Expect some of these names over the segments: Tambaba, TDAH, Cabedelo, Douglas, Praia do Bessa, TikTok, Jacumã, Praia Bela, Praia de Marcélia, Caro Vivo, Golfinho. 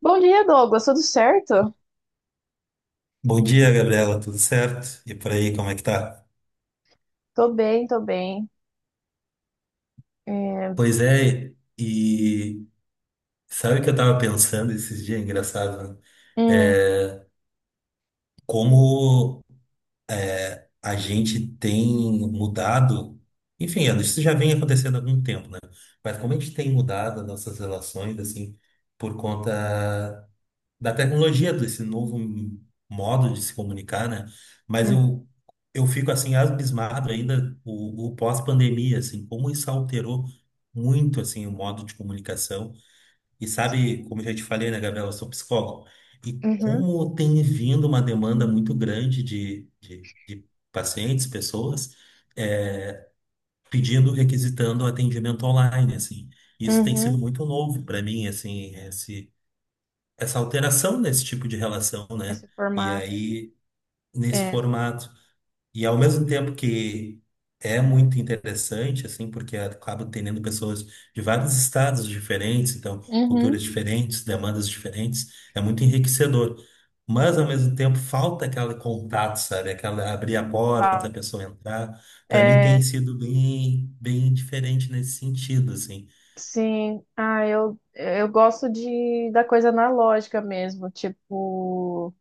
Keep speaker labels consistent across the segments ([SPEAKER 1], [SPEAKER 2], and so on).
[SPEAKER 1] Bom dia, Douglas. Tudo certo?
[SPEAKER 2] Bom dia, Gabriela. Tudo certo? E por aí, como é que tá?
[SPEAKER 1] Tô bem, tô bem. É,
[SPEAKER 2] Pois é, e sabe o que eu tava pensando esses dias? Engraçado, né?
[SPEAKER 1] hum,
[SPEAKER 2] É como a gente tem mudado. Enfim, isso já vem acontecendo há algum tempo, né? Mas como a gente tem mudado as nossas relações, assim, por conta da tecnologia, desse novo modo de se comunicar, né? Mas
[SPEAKER 1] hum,
[SPEAKER 2] eu, eu fico assim abismado ainda o pós-pandemia, assim, como isso alterou muito assim o modo de comunicação. E sabe, como eu já te falei, né, Gabriela, eu sou psicólogo. E
[SPEAKER 1] uhum,
[SPEAKER 2] como tem vindo uma demanda muito grande de pacientes, pessoas, eh, pedindo, requisitando atendimento online, assim. Isso tem sido
[SPEAKER 1] uhum.
[SPEAKER 2] muito novo para mim, assim, essa alteração nesse tipo de relação, né?
[SPEAKER 1] Esse
[SPEAKER 2] E
[SPEAKER 1] formato.
[SPEAKER 2] aí, nesse
[SPEAKER 1] É.
[SPEAKER 2] formato. E ao mesmo tempo que é muito interessante, assim, porque acaba tendo pessoas de vários estados diferentes, então,
[SPEAKER 1] Uhum.
[SPEAKER 2] culturas diferentes, demandas diferentes, é muito enriquecedor. Mas, ao mesmo tempo, falta aquele contato, sabe? Aquela abrir a porta, a
[SPEAKER 1] Fala.
[SPEAKER 2] pessoa entrar. Para mim, tem
[SPEAKER 1] É,
[SPEAKER 2] sido bem, bem diferente nesse sentido, assim.
[SPEAKER 1] sim. Ah, eu gosto de da coisa analógica mesmo. Tipo,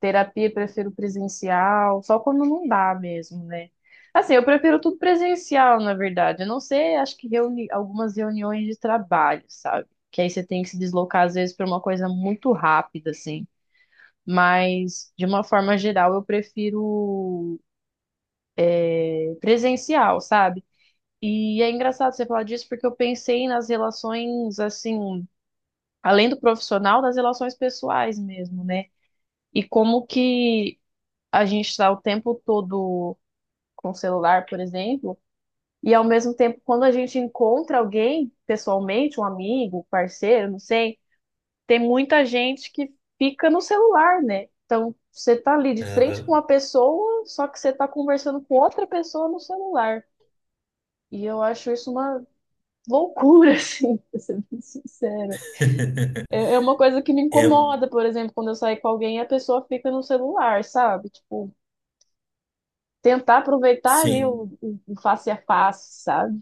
[SPEAKER 1] terapia prefiro presencial, só quando não dá mesmo, né? Assim, eu prefiro tudo presencial, na verdade. Eu não sei, acho que reuni algumas reuniões de trabalho, sabe? Que aí você tem que se deslocar às vezes para uma coisa muito rápida, assim. Mas de uma forma geral, eu prefiro presencial, sabe? E é engraçado você falar disso porque eu pensei nas relações assim, além do profissional, das relações pessoais mesmo, né? E como que a gente está o tempo todo com o celular, por exemplo, e ao mesmo tempo, quando a gente encontra alguém pessoalmente, um amigo, um parceiro, não sei, tem muita gente que fica no celular, né? Então, você tá ali de frente com
[SPEAKER 2] Aham.
[SPEAKER 1] uma pessoa, só que você tá conversando com outra pessoa no celular. E eu acho isso uma loucura, assim, pra ser bem sincera. É uma coisa que me
[SPEAKER 2] É,
[SPEAKER 1] incomoda, por exemplo, quando eu saio com alguém e a pessoa fica no celular, sabe? Tipo, tentar aproveitar ali o,
[SPEAKER 2] sim.
[SPEAKER 1] o- o face a face, sabe?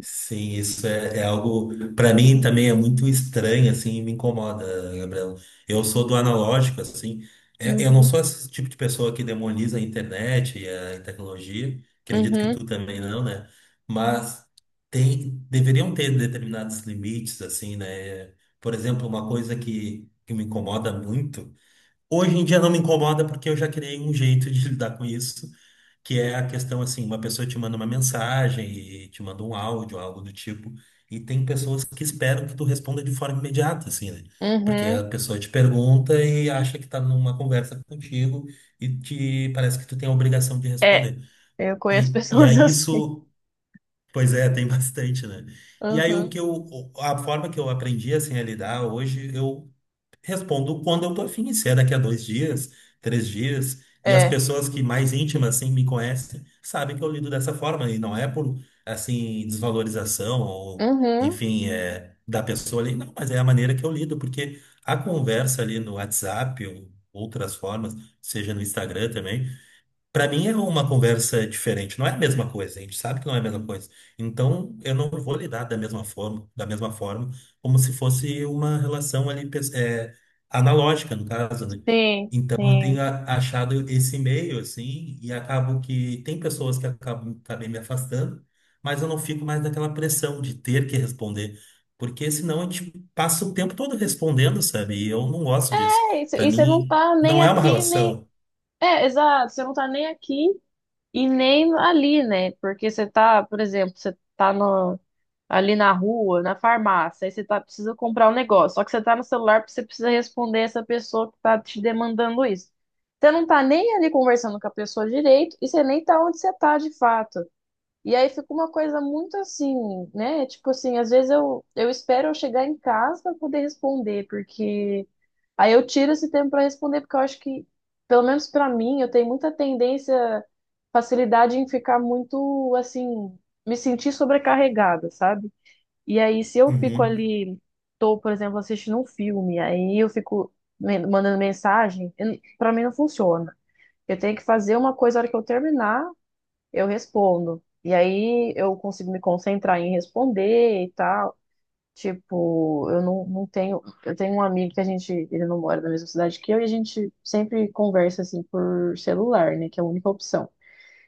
[SPEAKER 2] Sim, isso é, é algo para mim também é muito estranho assim, e me incomoda, Gabriel. Eu sou do analógico assim. Eu não
[SPEAKER 1] Uhum.
[SPEAKER 2] sou esse tipo de pessoa que demoniza a internet e a tecnologia. Acredito que
[SPEAKER 1] Uhum,
[SPEAKER 2] tu também não, né? Mas tem, deveriam ter determinados limites assim, né? Por exemplo, uma coisa que me incomoda muito. Hoje em dia não me incomoda porque eu já criei um jeito de lidar com isso, que é a questão assim, uma pessoa te manda uma mensagem e te manda um áudio, algo do tipo, e tem pessoas que esperam que tu responda de forma imediata, assim, né? Porque a
[SPEAKER 1] uhum.
[SPEAKER 2] pessoa te pergunta e acha que tá numa conversa contigo e te parece que tu tem a obrigação de
[SPEAKER 1] É,
[SPEAKER 2] responder.
[SPEAKER 1] eu conheço
[SPEAKER 2] E
[SPEAKER 1] pessoas
[SPEAKER 2] aí
[SPEAKER 1] assim.
[SPEAKER 2] isso, pois é, tem bastante, né? E aí
[SPEAKER 1] Uhum,
[SPEAKER 2] a forma que eu aprendi assim a lidar hoje, eu respondo quando eu tô afim, se é daqui a dois dias, três dias, e as
[SPEAKER 1] é.
[SPEAKER 2] pessoas que mais íntimas, assim, me conhecem, sabem que eu lido dessa forma, e não é por, assim, desvalorização ou,
[SPEAKER 1] Uhum,
[SPEAKER 2] enfim, da pessoa ali, não, mas é a maneira que eu lido, porque a conversa ali no WhatsApp ou outras formas, seja no Instagram também, pra mim é uma conversa diferente, não é a mesma coisa, a gente sabe que não é a mesma coisa. Então eu não vou lidar da mesma forma, como se fosse uma relação ali analógica, no caso, né?
[SPEAKER 1] sim,
[SPEAKER 2] Então eu
[SPEAKER 1] sim.
[SPEAKER 2] achado esse meio assim e acabo que tem pessoas que acabam, acabei me afastando, mas eu não fico mais naquela pressão de ter que responder, porque senão a gente passa o tempo todo respondendo, sabe? E eu não gosto disso.
[SPEAKER 1] É isso,
[SPEAKER 2] Pra
[SPEAKER 1] e você não
[SPEAKER 2] mim
[SPEAKER 1] tá nem
[SPEAKER 2] não é uma
[SPEAKER 1] aqui, nem.
[SPEAKER 2] relação.
[SPEAKER 1] É, exato, você não tá nem aqui e nem ali, né? Porque você tá, por exemplo, você tá no, ali na rua, na farmácia, aí você tá, precisa comprar um negócio. Só que você tá no celular porque você precisa responder essa pessoa que tá te demandando isso. Você não tá nem ali conversando com a pessoa direito e você nem tá onde você tá de fato. E aí fica uma coisa muito assim, né? Tipo assim, às vezes eu espero eu chegar em casa para poder responder, porque aí eu tiro esse tempo para responder, porque eu acho que, pelo menos para mim, eu tenho muita tendência, facilidade em ficar muito assim, me sentir sobrecarregada, sabe? E aí se eu fico
[SPEAKER 2] Uhum.
[SPEAKER 1] ali, tô, por exemplo, assistindo um filme, aí eu fico mandando mensagem, para mim não funciona. Eu tenho que fazer uma coisa na hora que eu terminar eu respondo. E aí eu consigo me concentrar em responder e tal. Tipo, eu não tenho. Eu tenho um amigo que a gente. Ele não mora na mesma cidade que eu e a gente sempre conversa assim por celular, né? Que é a única opção.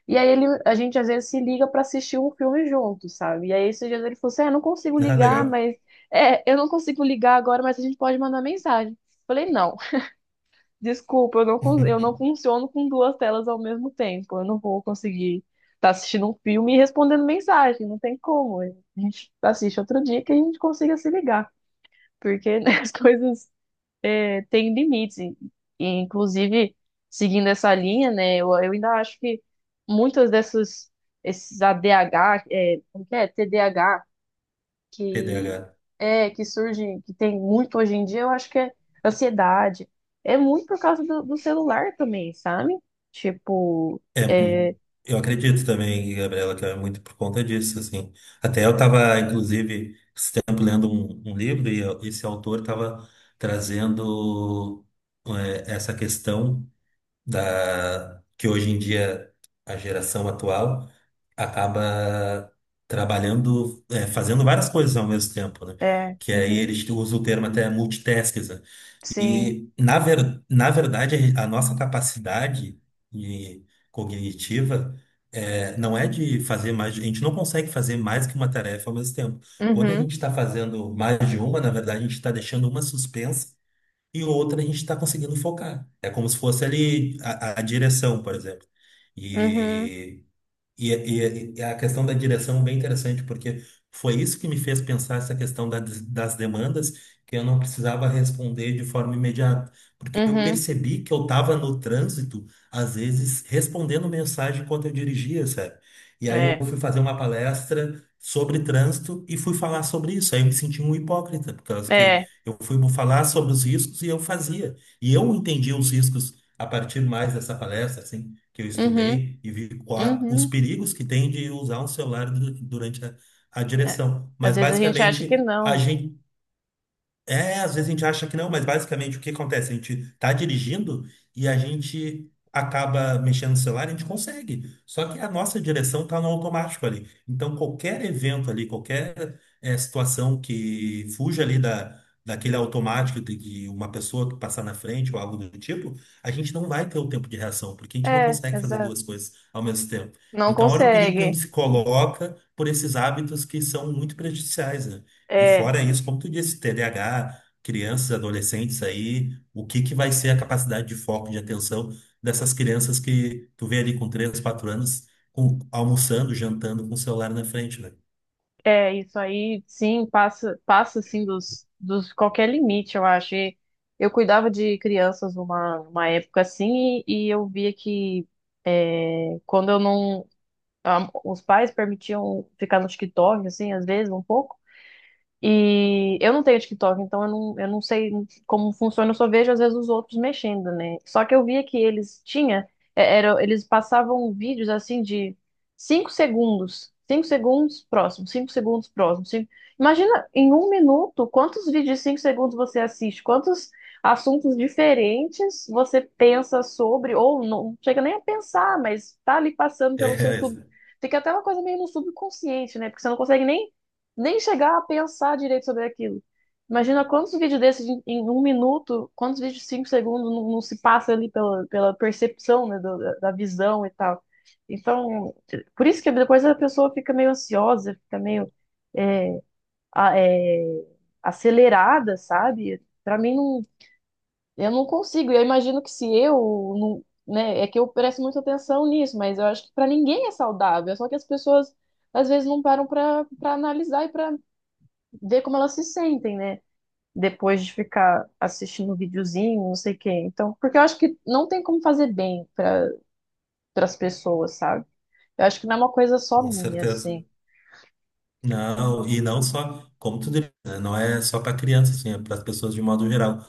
[SPEAKER 1] E aí ele, a gente às vezes se liga pra assistir um filme junto, sabe? E aí esses dias ele falou assim: é, não consigo
[SPEAKER 2] Ah,
[SPEAKER 1] ligar,
[SPEAKER 2] legal.
[SPEAKER 1] mas. É, eu não consigo ligar agora, mas a gente pode mandar mensagem. Falei, não. Desculpa, eu não funciono com duas telas ao mesmo tempo. Eu não vou conseguir estar assistindo um filme e respondendo mensagem. Não tem como. A gente assiste outro dia que a gente consiga se ligar. Porque né, as coisas têm limites. E, inclusive, seguindo essa linha, né, eu ainda acho que muitas dessas, esses ADH, como que é? TDAH, que
[SPEAKER 2] TDAH.
[SPEAKER 1] é que surge, que tem muito hoje em dia, eu acho que é ansiedade. É muito por causa do celular também, sabe? Tipo,
[SPEAKER 2] É,
[SPEAKER 1] é,
[SPEAKER 2] mu- eu acredito também, Gabriela, que é muito por conta disso, assim. Até eu estava, inclusive, esse tempo lendo um livro e esse autor estava trazendo essa questão da que hoje em dia a geração atual acaba trabalhando, fazendo várias coisas ao mesmo tempo, né?
[SPEAKER 1] é,
[SPEAKER 2] Que aí
[SPEAKER 1] uhum,
[SPEAKER 2] eles usam o termo até multitasking, né?
[SPEAKER 1] sim,
[SPEAKER 2] E na verdade a nossa capacidade de- cognitiva não é de fazer mais, a gente não consegue fazer mais que uma tarefa ao mesmo tempo. Quando a
[SPEAKER 1] uhum,
[SPEAKER 2] gente está fazendo mais de uma, na verdade a gente está deixando uma suspensa e outra a gente está conseguindo focar. É como se fosse ali a direção, por exemplo.
[SPEAKER 1] uhum,
[SPEAKER 2] E, e a questão da direção é bem interessante, porque foi isso que me fez pensar essa questão das demandas, que eu não precisava responder de forma imediata, porque eu
[SPEAKER 1] uhum,
[SPEAKER 2] percebi que eu estava no trânsito, às vezes, respondendo mensagem enquanto eu dirigia, sabe? E aí eu
[SPEAKER 1] é,
[SPEAKER 2] fui fazer uma palestra sobre trânsito e fui falar sobre isso. Aí eu me senti um hipócrita, por causa que
[SPEAKER 1] é,
[SPEAKER 2] eu fui falar sobre os riscos e eu fazia. E eu entendi os riscos a partir mais dessa palestra, assim, que eu
[SPEAKER 1] uhum,
[SPEAKER 2] estudei e vi os
[SPEAKER 1] uhum,
[SPEAKER 2] perigos que tem de usar um celular durante a
[SPEAKER 1] é.
[SPEAKER 2] direção.
[SPEAKER 1] Às
[SPEAKER 2] Mas
[SPEAKER 1] vezes a gente acha que
[SPEAKER 2] basicamente a
[SPEAKER 1] não,
[SPEAKER 2] gente é, às vezes a gente acha que não, mas basicamente o que acontece? A gente tá dirigindo e a gente acaba mexendo no celular, a gente consegue. Só que a nossa direção tá no automático ali. Então qualquer evento ali, qualquer situação que fuja ali daquele automático, de que uma pessoa passar na frente ou algo do tipo, a gente não vai ter o tempo de reação, porque a gente não
[SPEAKER 1] né? É,
[SPEAKER 2] consegue fazer
[SPEAKER 1] exato.
[SPEAKER 2] duas coisas ao mesmo tempo.
[SPEAKER 1] Não
[SPEAKER 2] Então, olha o perigo que a
[SPEAKER 1] consegue.
[SPEAKER 2] gente se coloca por esses hábitos que são muito prejudiciais, né? E
[SPEAKER 1] É.
[SPEAKER 2] fora isso, como tu disse, TDAH, crianças, adolescentes aí, o que que vai ser a capacidade de foco, de atenção dessas crianças que tu vê ali com 3, 4 anos, com, almoçando, jantando com o celular na frente, né?
[SPEAKER 1] É, isso aí, sim, passa assim dos qualquer limite, eu acho. E eu cuidava de crianças numa época assim e eu via que quando eu não, os pais permitiam ficar no TikTok, assim, às vezes um pouco. E eu não tenho TikTok, então eu não sei como funciona, eu só vejo às vezes os outros mexendo, né? Só que eu via que eles tinha, eles passavam vídeos assim de 5 segundos, 5 segundos próximo, 5 segundos próximo. Imagina em um minuto quantos vídeos de 5 segundos você assiste, quantos assuntos diferentes você pensa sobre, ou não chega nem a pensar, mas tá ali passando pelo seu
[SPEAKER 2] É,
[SPEAKER 1] sub. Fica até uma coisa meio no subconsciente, né? Porque você não consegue nem chegar a pensar direito sobre aquilo. Imagina quantos vídeos desses em um minuto, quantos vídeos de 5 segundos não se passa ali pela percepção, né, da visão e tal. Então, por isso que depois a pessoa fica meio ansiosa, fica meio é, a- é, acelerada, sabe? Pra mim, não, eu não consigo. Eu imagino que se eu, não, né, é que eu presto muita atenção nisso, mas eu acho que pra ninguém é saudável. É. Só que as pessoas às vezes não param pra analisar e pra ver como elas se sentem, né? Depois de ficar assistindo um videozinho, não sei o quê. Então, porque eu acho que não tem como fazer bem para as pessoas, sabe? Eu acho que não é uma coisa só
[SPEAKER 2] com
[SPEAKER 1] minha,
[SPEAKER 2] certeza.
[SPEAKER 1] assim.
[SPEAKER 2] Não, e não só, como tu disse, né, não é só para crianças, assim, é para as pessoas de modo geral.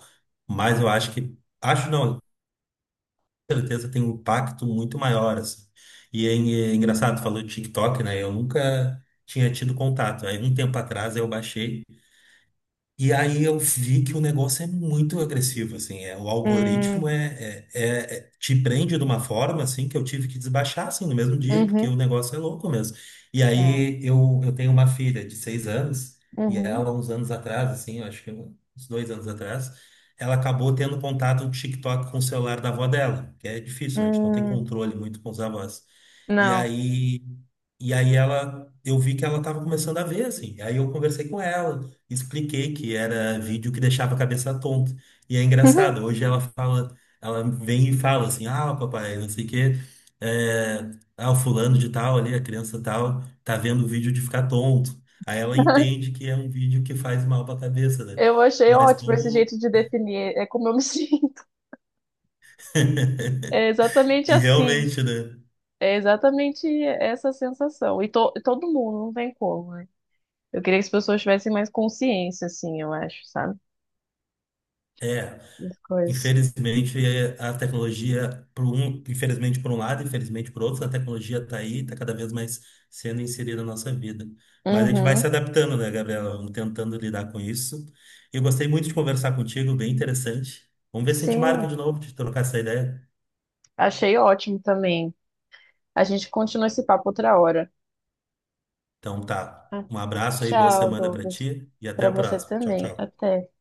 [SPEAKER 2] Mas eu acho que, acho não, certeza tem um impacto muito maior, assim. E é engraçado, falou de TikTok, né? Eu nunca tinha tido contato. Aí um tempo atrás eu baixei. E aí eu vi que o negócio é muito agressivo, assim, é, o algoritmo
[SPEAKER 1] Hum,
[SPEAKER 2] te prende de uma forma, assim, que eu tive que desbaixar, assim, no mesmo dia, porque o
[SPEAKER 1] uhum,
[SPEAKER 2] negócio é louco mesmo. E
[SPEAKER 1] é,
[SPEAKER 2] aí eu, eu tenho uma filha de 6 anos, e
[SPEAKER 1] uhum,
[SPEAKER 2] ela, uns anos atrás, assim, eu acho que uns 2 anos atrás, ela acabou tendo contato do TikTok com o celular da avó dela, que é difícil, né? A gente não tem
[SPEAKER 1] hum,
[SPEAKER 2] controle muito com os avós. E
[SPEAKER 1] não.
[SPEAKER 2] aí, e aí ela, eu vi que ela estava começando a ver, assim, aí eu conversei com ela, expliquei que era vídeo que deixava a cabeça tonta. E é engraçado, hoje ela fala, ela vem e fala assim, ah, papai, não sei o quê, é, ah, o fulano de tal ali, a criança tal, tá vendo o vídeo de ficar tonto. Aí ela entende que é um vídeo que faz mal pra cabeça, né?
[SPEAKER 1] Eu achei
[SPEAKER 2] Mas
[SPEAKER 1] ótimo esse
[SPEAKER 2] como...
[SPEAKER 1] jeito de definir, é como eu me sinto. É exatamente
[SPEAKER 2] E
[SPEAKER 1] assim.
[SPEAKER 2] realmente, né?
[SPEAKER 1] É exatamente essa sensação. E todo mundo, não tem como, né? Eu queria que as pessoas tivessem mais consciência, assim, eu acho, sabe?
[SPEAKER 2] É,
[SPEAKER 1] Das coisas.
[SPEAKER 2] infelizmente, a tecnologia, por um, infelizmente por um lado, infelizmente por outro, a tecnologia está aí, está cada vez mais sendo inserida na nossa vida. Mas a gente vai se
[SPEAKER 1] Uhum,
[SPEAKER 2] adaptando, né, Gabriela? Vamos tentando lidar com isso. Eu gostei muito de conversar contigo, bem interessante. Vamos ver se a gente marca
[SPEAKER 1] sim,
[SPEAKER 2] de novo, de trocar essa ideia.
[SPEAKER 1] achei ótimo também. A gente continua esse papo outra hora.
[SPEAKER 2] Então tá,
[SPEAKER 1] Ah,
[SPEAKER 2] um abraço aí, boa
[SPEAKER 1] tchau,
[SPEAKER 2] semana para
[SPEAKER 1] Douglas.
[SPEAKER 2] ti e até
[SPEAKER 1] Para
[SPEAKER 2] a
[SPEAKER 1] você
[SPEAKER 2] próxima. Tchau,
[SPEAKER 1] também.
[SPEAKER 2] tchau.
[SPEAKER 1] Até.